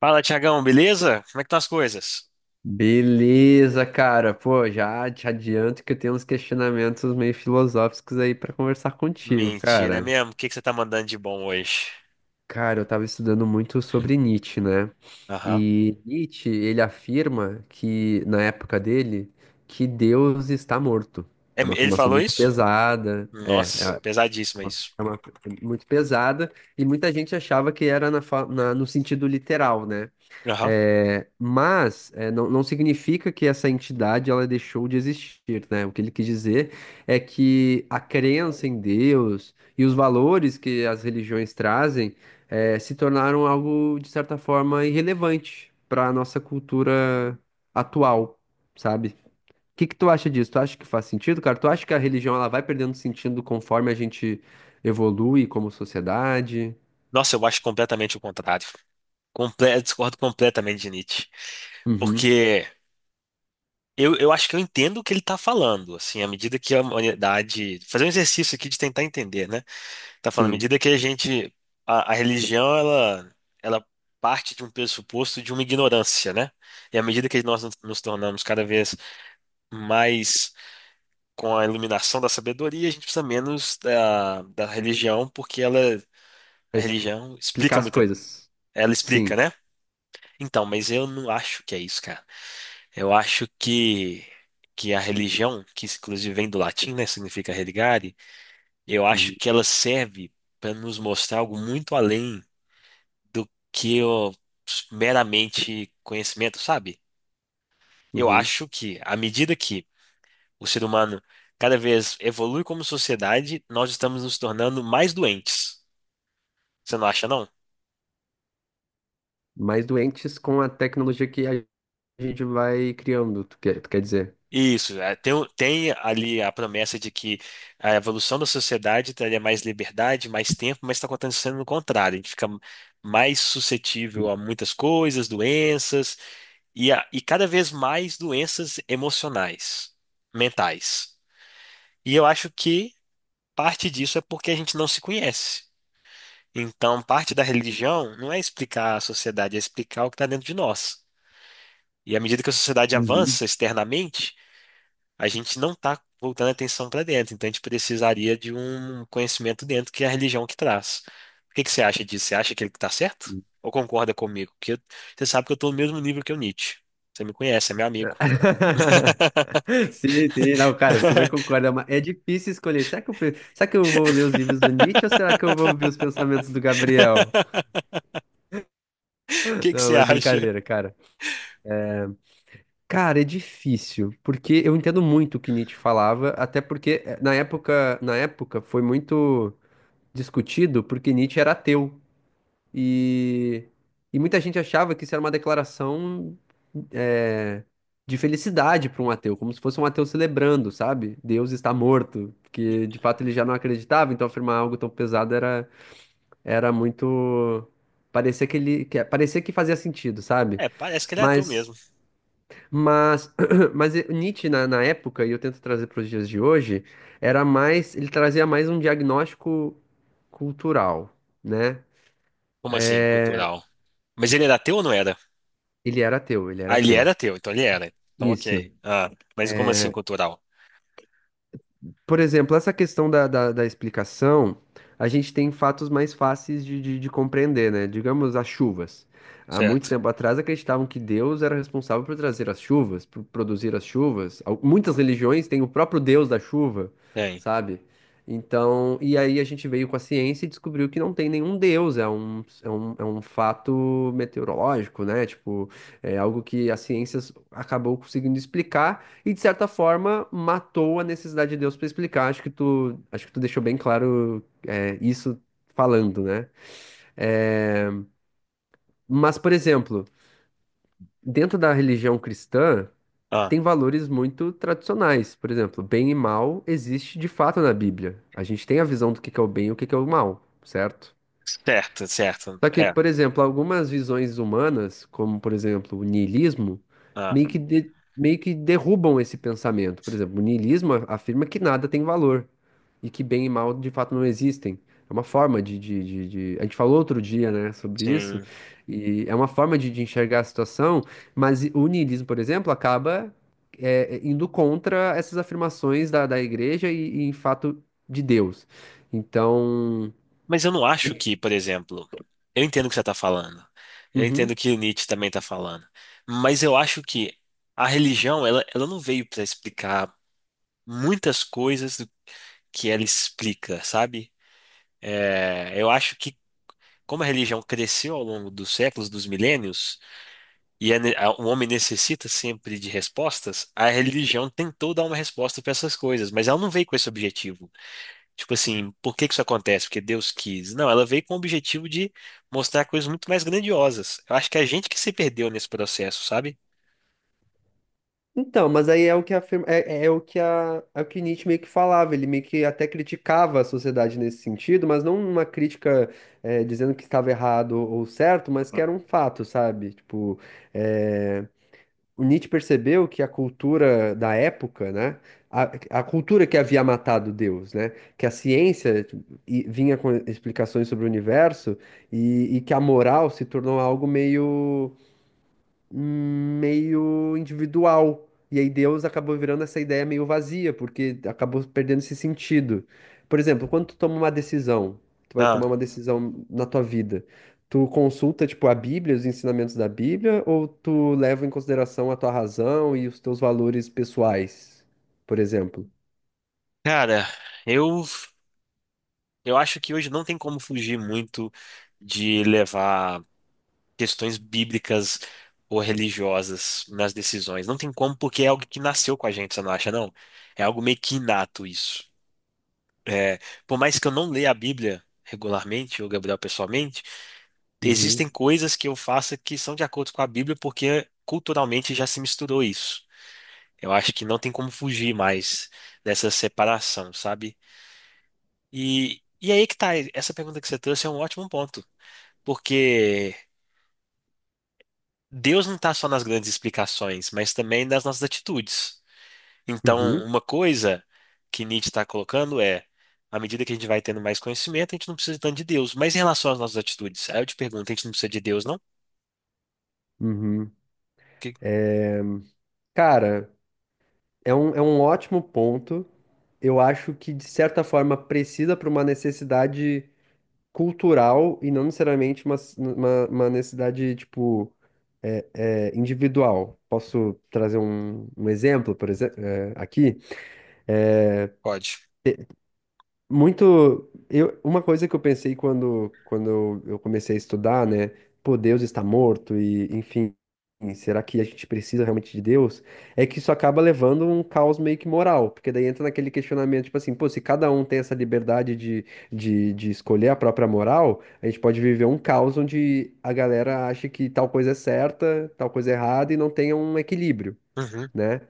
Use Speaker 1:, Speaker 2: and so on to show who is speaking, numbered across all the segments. Speaker 1: Fala, Tiagão, beleza? Como é que estão as coisas?
Speaker 2: Beleza, cara. Pô, já te adianto que eu tenho uns questionamentos meio filosóficos aí pra conversar contigo,
Speaker 1: Mentira, é
Speaker 2: cara.
Speaker 1: mesmo? O que que você tá mandando de bom hoje?
Speaker 2: Cara, eu tava estudando muito sobre Nietzsche, né?
Speaker 1: Aham.
Speaker 2: E Nietzsche, ele afirma que, na época dele, que Deus está morto.
Speaker 1: É
Speaker 2: É uma
Speaker 1: ele
Speaker 2: afirmação
Speaker 1: falou
Speaker 2: muito
Speaker 1: isso?
Speaker 2: pesada, é
Speaker 1: Nossa, pesadíssimo é
Speaker 2: uma,
Speaker 1: isso.
Speaker 2: muito pesada, e muita gente achava que era no sentido literal, né?
Speaker 1: Aham.
Speaker 2: Não significa que essa entidade ela deixou de existir, né? O que ele quis dizer é que a crença em Deus e os valores que as religiões trazem se tornaram algo, de certa forma, irrelevante para a nossa cultura atual, sabe? O que que tu acha disso? Tu acha que faz sentido, cara? Tu acha que a religião ela vai perdendo sentido conforme a gente evolui como sociedade?
Speaker 1: Nossa, eu acho completamente o contrário. Eu discordo completamente de Nietzsche.
Speaker 2: Uhum,
Speaker 1: Porque eu acho que eu entendo o que ele tá falando, assim, à medida que a humanidade. Fazer um exercício aqui de tentar entender, né? Tá falando, à
Speaker 2: sim.
Speaker 1: medida que a gente. A religião, ela parte de um pressuposto de uma ignorância, né? E à medida que nós nos tornamos cada vez mas com a iluminação da sabedoria, a gente precisa menos da religião, porque ela, a
Speaker 2: Pra
Speaker 1: religião
Speaker 2: explicar
Speaker 1: explica
Speaker 2: as
Speaker 1: muita.
Speaker 2: coisas.
Speaker 1: Ela explica,
Speaker 2: Sim.
Speaker 1: né? Então, mas eu não acho que é isso, cara. Eu acho que a religião, que inclusive vem do latim, né? Significa religare, eu acho
Speaker 2: Uhum.
Speaker 1: que ela serve para nos mostrar algo muito além do que o meramente conhecimento, sabe? Eu
Speaker 2: Uhum.
Speaker 1: acho que à medida que o ser humano cada vez evolui como sociedade, nós estamos nos tornando mais doentes. Você não acha, não?
Speaker 2: Mais doentes com a tecnologia que a gente vai criando, tu quer dizer?
Speaker 1: Isso, é, tem, tem ali a promessa de que a evolução da sociedade traria mais liberdade, mais tempo, mas está acontecendo o contrário. A gente fica mais suscetível a muitas coisas, doenças, e, e cada vez mais doenças emocionais, mentais. E eu acho que parte disso é porque a gente não se conhece. Então, parte da religião não é explicar a sociedade, é explicar o que está dentro de nós. E à medida que a sociedade
Speaker 2: Uhum.
Speaker 1: avança externamente, a gente não está voltando a atenção para dentro. Então, a gente precisaria de um conhecimento dentro que é a religião que traz. O que que você acha disso? Você acha que ele está certo? Ou concorda comigo? Que eu- você sabe que eu estou no mesmo nível que o Nietzsche. Você me conhece, é meu amigo.
Speaker 2: Sim, sim, não, cara, super concordo. É é difícil escolher. Será que eu, será que eu vou ler os livros do Nietzsche ou será que eu vou ver os pensamentos do Gabriel?
Speaker 1: O que que
Speaker 2: Não,
Speaker 1: você
Speaker 2: mas
Speaker 1: acha?
Speaker 2: brincadeira, cara. Cara, é difícil, porque eu entendo muito o que Nietzsche falava, até porque na época foi muito discutido porque Nietzsche era ateu. E, e muita gente achava que isso era uma declaração é, de felicidade para um ateu, como se fosse um ateu celebrando, sabe? Deus está morto, porque de fato ele já não acreditava, então afirmar algo tão pesado era, era muito. Parecia que ele, que, parecia que fazia sentido, sabe?
Speaker 1: É, parece que ele é ateu mesmo.
Speaker 2: Mas, mas, mas Nietzsche na época, e eu tento trazer para os dias de hoje, era mais, ele trazia mais um diagnóstico cultural, né?
Speaker 1: Como assim, cultural? Mas ele era ateu ou não era?
Speaker 2: Ele era ateu, ele era
Speaker 1: Ah, ele
Speaker 2: ateu.
Speaker 1: era teu, então ele era. Então,
Speaker 2: Isso.
Speaker 1: ok. Ah, mas como assim
Speaker 2: É,
Speaker 1: cultural?
Speaker 2: por exemplo, essa questão da explicação, a gente tem fatos mais fáceis de compreender, né? Digamos, as chuvas. Há muito
Speaker 1: Certo.
Speaker 2: tempo atrás acreditavam que Deus era responsável por trazer as chuvas, por produzir as chuvas. Muitas religiões têm o próprio Deus da chuva,
Speaker 1: Tem.
Speaker 2: sabe? Então, e aí a gente veio com a ciência e descobriu que não tem nenhum Deus, é um fato meteorológico, né? Tipo, é algo que a ciência acabou conseguindo explicar. E de certa forma matou a necessidade de Deus para explicar. Acho que tu deixou bem claro isso falando, né? É, mas, por exemplo, dentro da religião cristã
Speaker 1: Ah,
Speaker 2: tem valores muito tradicionais. Por exemplo, bem e mal existe de fato na Bíblia. A gente tem a visão do que é o bem e o que que é o mal, certo?
Speaker 1: certo, certo.
Speaker 2: Só que,
Speaker 1: É.
Speaker 2: por exemplo, algumas visões humanas, como por exemplo o niilismo,
Speaker 1: Ah,
Speaker 2: meio que, meio que derrubam esse pensamento. Por exemplo, o niilismo afirma que nada tem valor e que bem e mal de fato não existem. É uma forma de A gente falou outro dia, né, sobre isso,
Speaker 1: sim.
Speaker 2: e é uma forma de enxergar a situação, mas o niilismo, por exemplo, acaba indo contra essas afirmações da igreja e, em fato, de Deus. Então.
Speaker 1: Mas eu não acho que, por exemplo, eu entendo o que você está falando. Eu entendo
Speaker 2: Uhum.
Speaker 1: o que o Nietzsche também está falando. Mas eu acho que a religião, ela não veio para explicar muitas coisas do que ela explica, sabe? É, eu acho que como a religião cresceu ao longo dos séculos, dos milênios, e é o homem necessita sempre de respostas, a religião tentou dar uma resposta para essas coisas, mas ela não veio com esse objetivo. Tipo assim, por que que isso acontece? Porque Deus quis. Não, ela veio com o objetivo de mostrar coisas muito mais grandiosas. Eu acho que é a gente que se perdeu nesse processo, sabe?
Speaker 2: Então, mas aí é o que afirma, é o que Nietzsche meio que falava, ele meio que até criticava a sociedade nesse sentido, mas não uma crítica dizendo que estava errado ou certo, mas que era um fato, sabe? Tipo, eh, o Nietzsche percebeu que a cultura da época, né? A, a cultura que havia matado Deus, né? Que a ciência tipo, vinha com explicações sobre o universo e que a moral se tornou algo meio individual. E aí Deus acabou virando essa ideia meio vazia, porque acabou perdendo esse sentido. Por exemplo, quando tu toma uma decisão, tu vai tomar
Speaker 1: Ah,
Speaker 2: uma decisão na tua vida, tu consulta, tipo, a Bíblia, os ensinamentos da Bíblia, ou tu leva em consideração a tua razão e os teus valores pessoais, por exemplo?
Speaker 1: cara, eu eu acho que hoje não tem como fugir muito de levar questões bíblicas ou religiosas nas decisões. Não tem como, porque é algo que nasceu com a gente, você não acha, não? É algo meio que inato isso. É, por mais que eu não leia a Bíblia regularmente, ou Gabriel pessoalmente, existem
Speaker 2: Uhum,
Speaker 1: coisas que eu faço que são de acordo com a Bíblia, porque culturalmente já se misturou isso. Eu acho que não tem como fugir mais dessa separação, sabe? E aí que tá, essa pergunta que você trouxe é um ótimo ponto, porque Deus não tá só nas grandes explicações, mas também nas nossas atitudes. Então,
Speaker 2: uhum,
Speaker 1: uma coisa que Nietzsche está colocando é, à medida que a gente vai tendo mais conhecimento, a gente não precisa tanto de Deus. Mas em relação às nossas atitudes, aí eu te pergunto, a gente não precisa de Deus, não?
Speaker 2: uhum.
Speaker 1: Que
Speaker 2: Cara, é um ótimo ponto. Eu acho que, de certa forma, precisa para uma necessidade cultural e não necessariamente uma, uma necessidade, tipo, individual. Posso trazer um, um exemplo, por exemplo, aqui?
Speaker 1: pode.
Speaker 2: Muito. Eu, uma coisa que eu pensei quando, quando eu comecei a estudar, né? Pô, Deus está morto e, enfim, será que a gente precisa realmente de Deus? É que isso acaba levando um caos meio que moral, porque daí entra naquele questionamento, tipo assim, pô, se cada um tem essa liberdade de, de escolher a própria moral, a gente pode viver um caos onde a galera acha que tal coisa é certa, tal coisa é errada e não tenha um equilíbrio
Speaker 1: Uhum.
Speaker 2: né?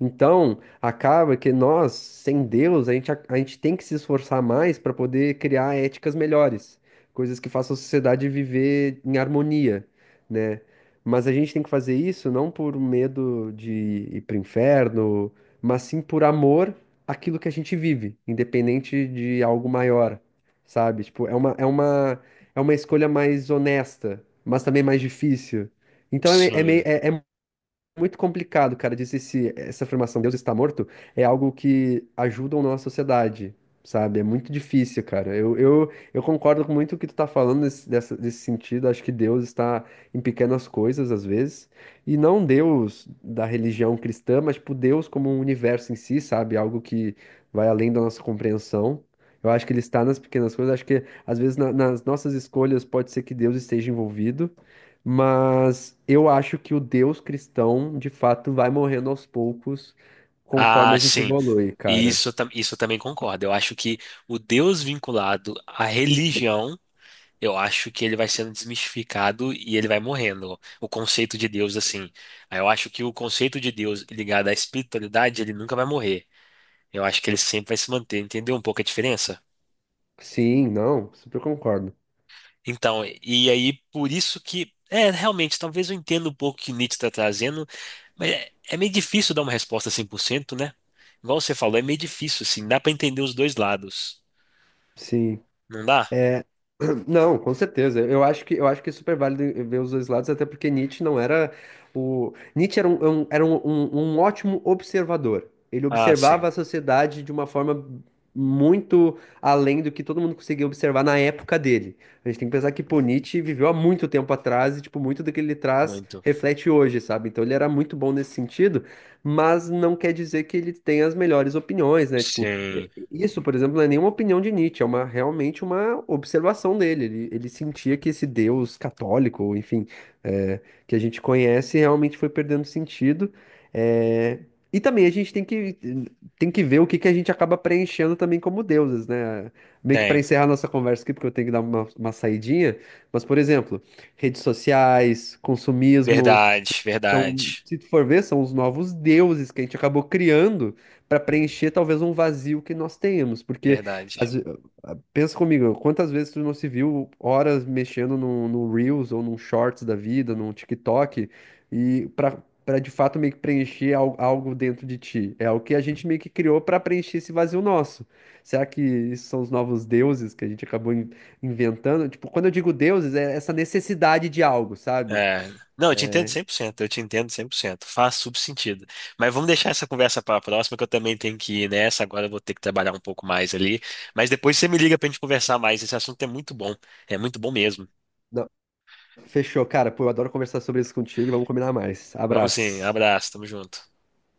Speaker 2: Então, acaba que nós, sem Deus, a gente, a gente tem que se esforçar mais para poder criar éticas melhores, coisas que façam a sociedade viver em harmonia, né? Mas a gente tem que fazer isso não por medo de ir para o inferno, mas sim por amor àquilo que a gente vive, independente de algo maior, sabe? Tipo, é uma escolha mais honesta, mas também mais difícil. Então é, meio,
Speaker 1: Sim.
Speaker 2: muito complicado, cara, dizer se essa afirmação Deus está morto é algo que ajuda ou não a sociedade, sabe? É muito difícil, cara. Eu concordo com muito o que tu tá falando nesse, nesse sentido. Acho que Deus está em pequenas coisas, às vezes. E não Deus da religião cristã, mas, tipo, Deus como um universo em si, sabe? Algo que vai além da nossa compreensão. Eu acho que ele está nas pequenas coisas. Acho que, às vezes, nas nossas escolhas, pode ser que Deus esteja envolvido. Mas eu acho que o Deus cristão, de fato, vai morrendo aos poucos conforme
Speaker 1: Ah,
Speaker 2: a gente
Speaker 1: sim.
Speaker 2: evolui, cara.
Speaker 1: Isso, isso eu também concordo. Eu acho que o Deus vinculado à religião, eu acho que ele vai sendo desmistificado e ele vai morrendo. O conceito de Deus, assim. Aí eu acho que o conceito de Deus ligado à espiritualidade, ele nunca vai morrer. Eu acho que ele sempre vai se manter, entendeu um pouco a diferença?
Speaker 2: Sim, não, super concordo.
Speaker 1: Então, e aí por isso que, é, realmente, talvez eu entenda um pouco o que Nietzsche está trazendo, mas é, é meio difícil dar uma resposta 100%, né? Igual você falou, é meio difícil, assim, dá para entender os dois lados,
Speaker 2: Sim.
Speaker 1: não dá?
Speaker 2: É, não, com certeza. Eu acho que é super válido ver os dois lados, até porque Nietzsche não era o Nietzsche era um ótimo observador. Ele
Speaker 1: Ah,
Speaker 2: observava
Speaker 1: sim,
Speaker 2: a sociedade de uma forma muito além do que todo mundo conseguia observar na época dele. A gente tem que pensar que pô, Nietzsche viveu há muito tempo atrás e tipo muito do que ele traz
Speaker 1: muito.
Speaker 2: reflete hoje, sabe? Então ele era muito bom nesse sentido, mas não quer dizer que ele tenha as melhores opiniões, né? Tipo
Speaker 1: Sim,
Speaker 2: isso, por exemplo, não é nenhuma opinião de Nietzsche, é uma realmente uma observação dele. Ele sentia que esse Deus católico, ou enfim, é, que a gente conhece, realmente foi perdendo sentido. É, e também a gente tem que ver o que, que a gente acaba preenchendo também como deuses, né? Meio que para
Speaker 1: tem.
Speaker 2: encerrar nossa conversa aqui, porque eu tenho que dar uma saidinha, mas, por exemplo, redes sociais, consumismo.
Speaker 1: Verdade,
Speaker 2: Então,
Speaker 1: verdade,
Speaker 2: se tu for ver, são os novos deuses que a gente acabou criando para preencher talvez um vazio que nós temos, porque
Speaker 1: verdade.
Speaker 2: às ve- ah, pensa comigo, quantas vezes tu não se viu horas mexendo no, no Reels ou num Shorts da vida, num TikTok, e para de fato meio que preencher algo dentro de ti. É o que a gente meio que criou para preencher esse vazio nosso. Será que isso são os novos deuses que a gente acabou inventando? Tipo, quando eu digo deuses, é essa necessidade de algo, sabe?
Speaker 1: É, não, eu te entendo 100%. Eu te entendo 100%. Faz super sentido. Mas vamos deixar essa conversa para a próxima, que eu também tenho que ir nessa, agora eu vou ter que trabalhar um pouco mais ali. Mas depois você me liga para a gente conversar mais, esse assunto é muito bom mesmo.
Speaker 2: Fechou, cara. Pô, eu adoro conversar sobre isso contigo e vamos combinar mais.
Speaker 1: Vamos sim,
Speaker 2: Abraço.
Speaker 1: abraço, tamo junto.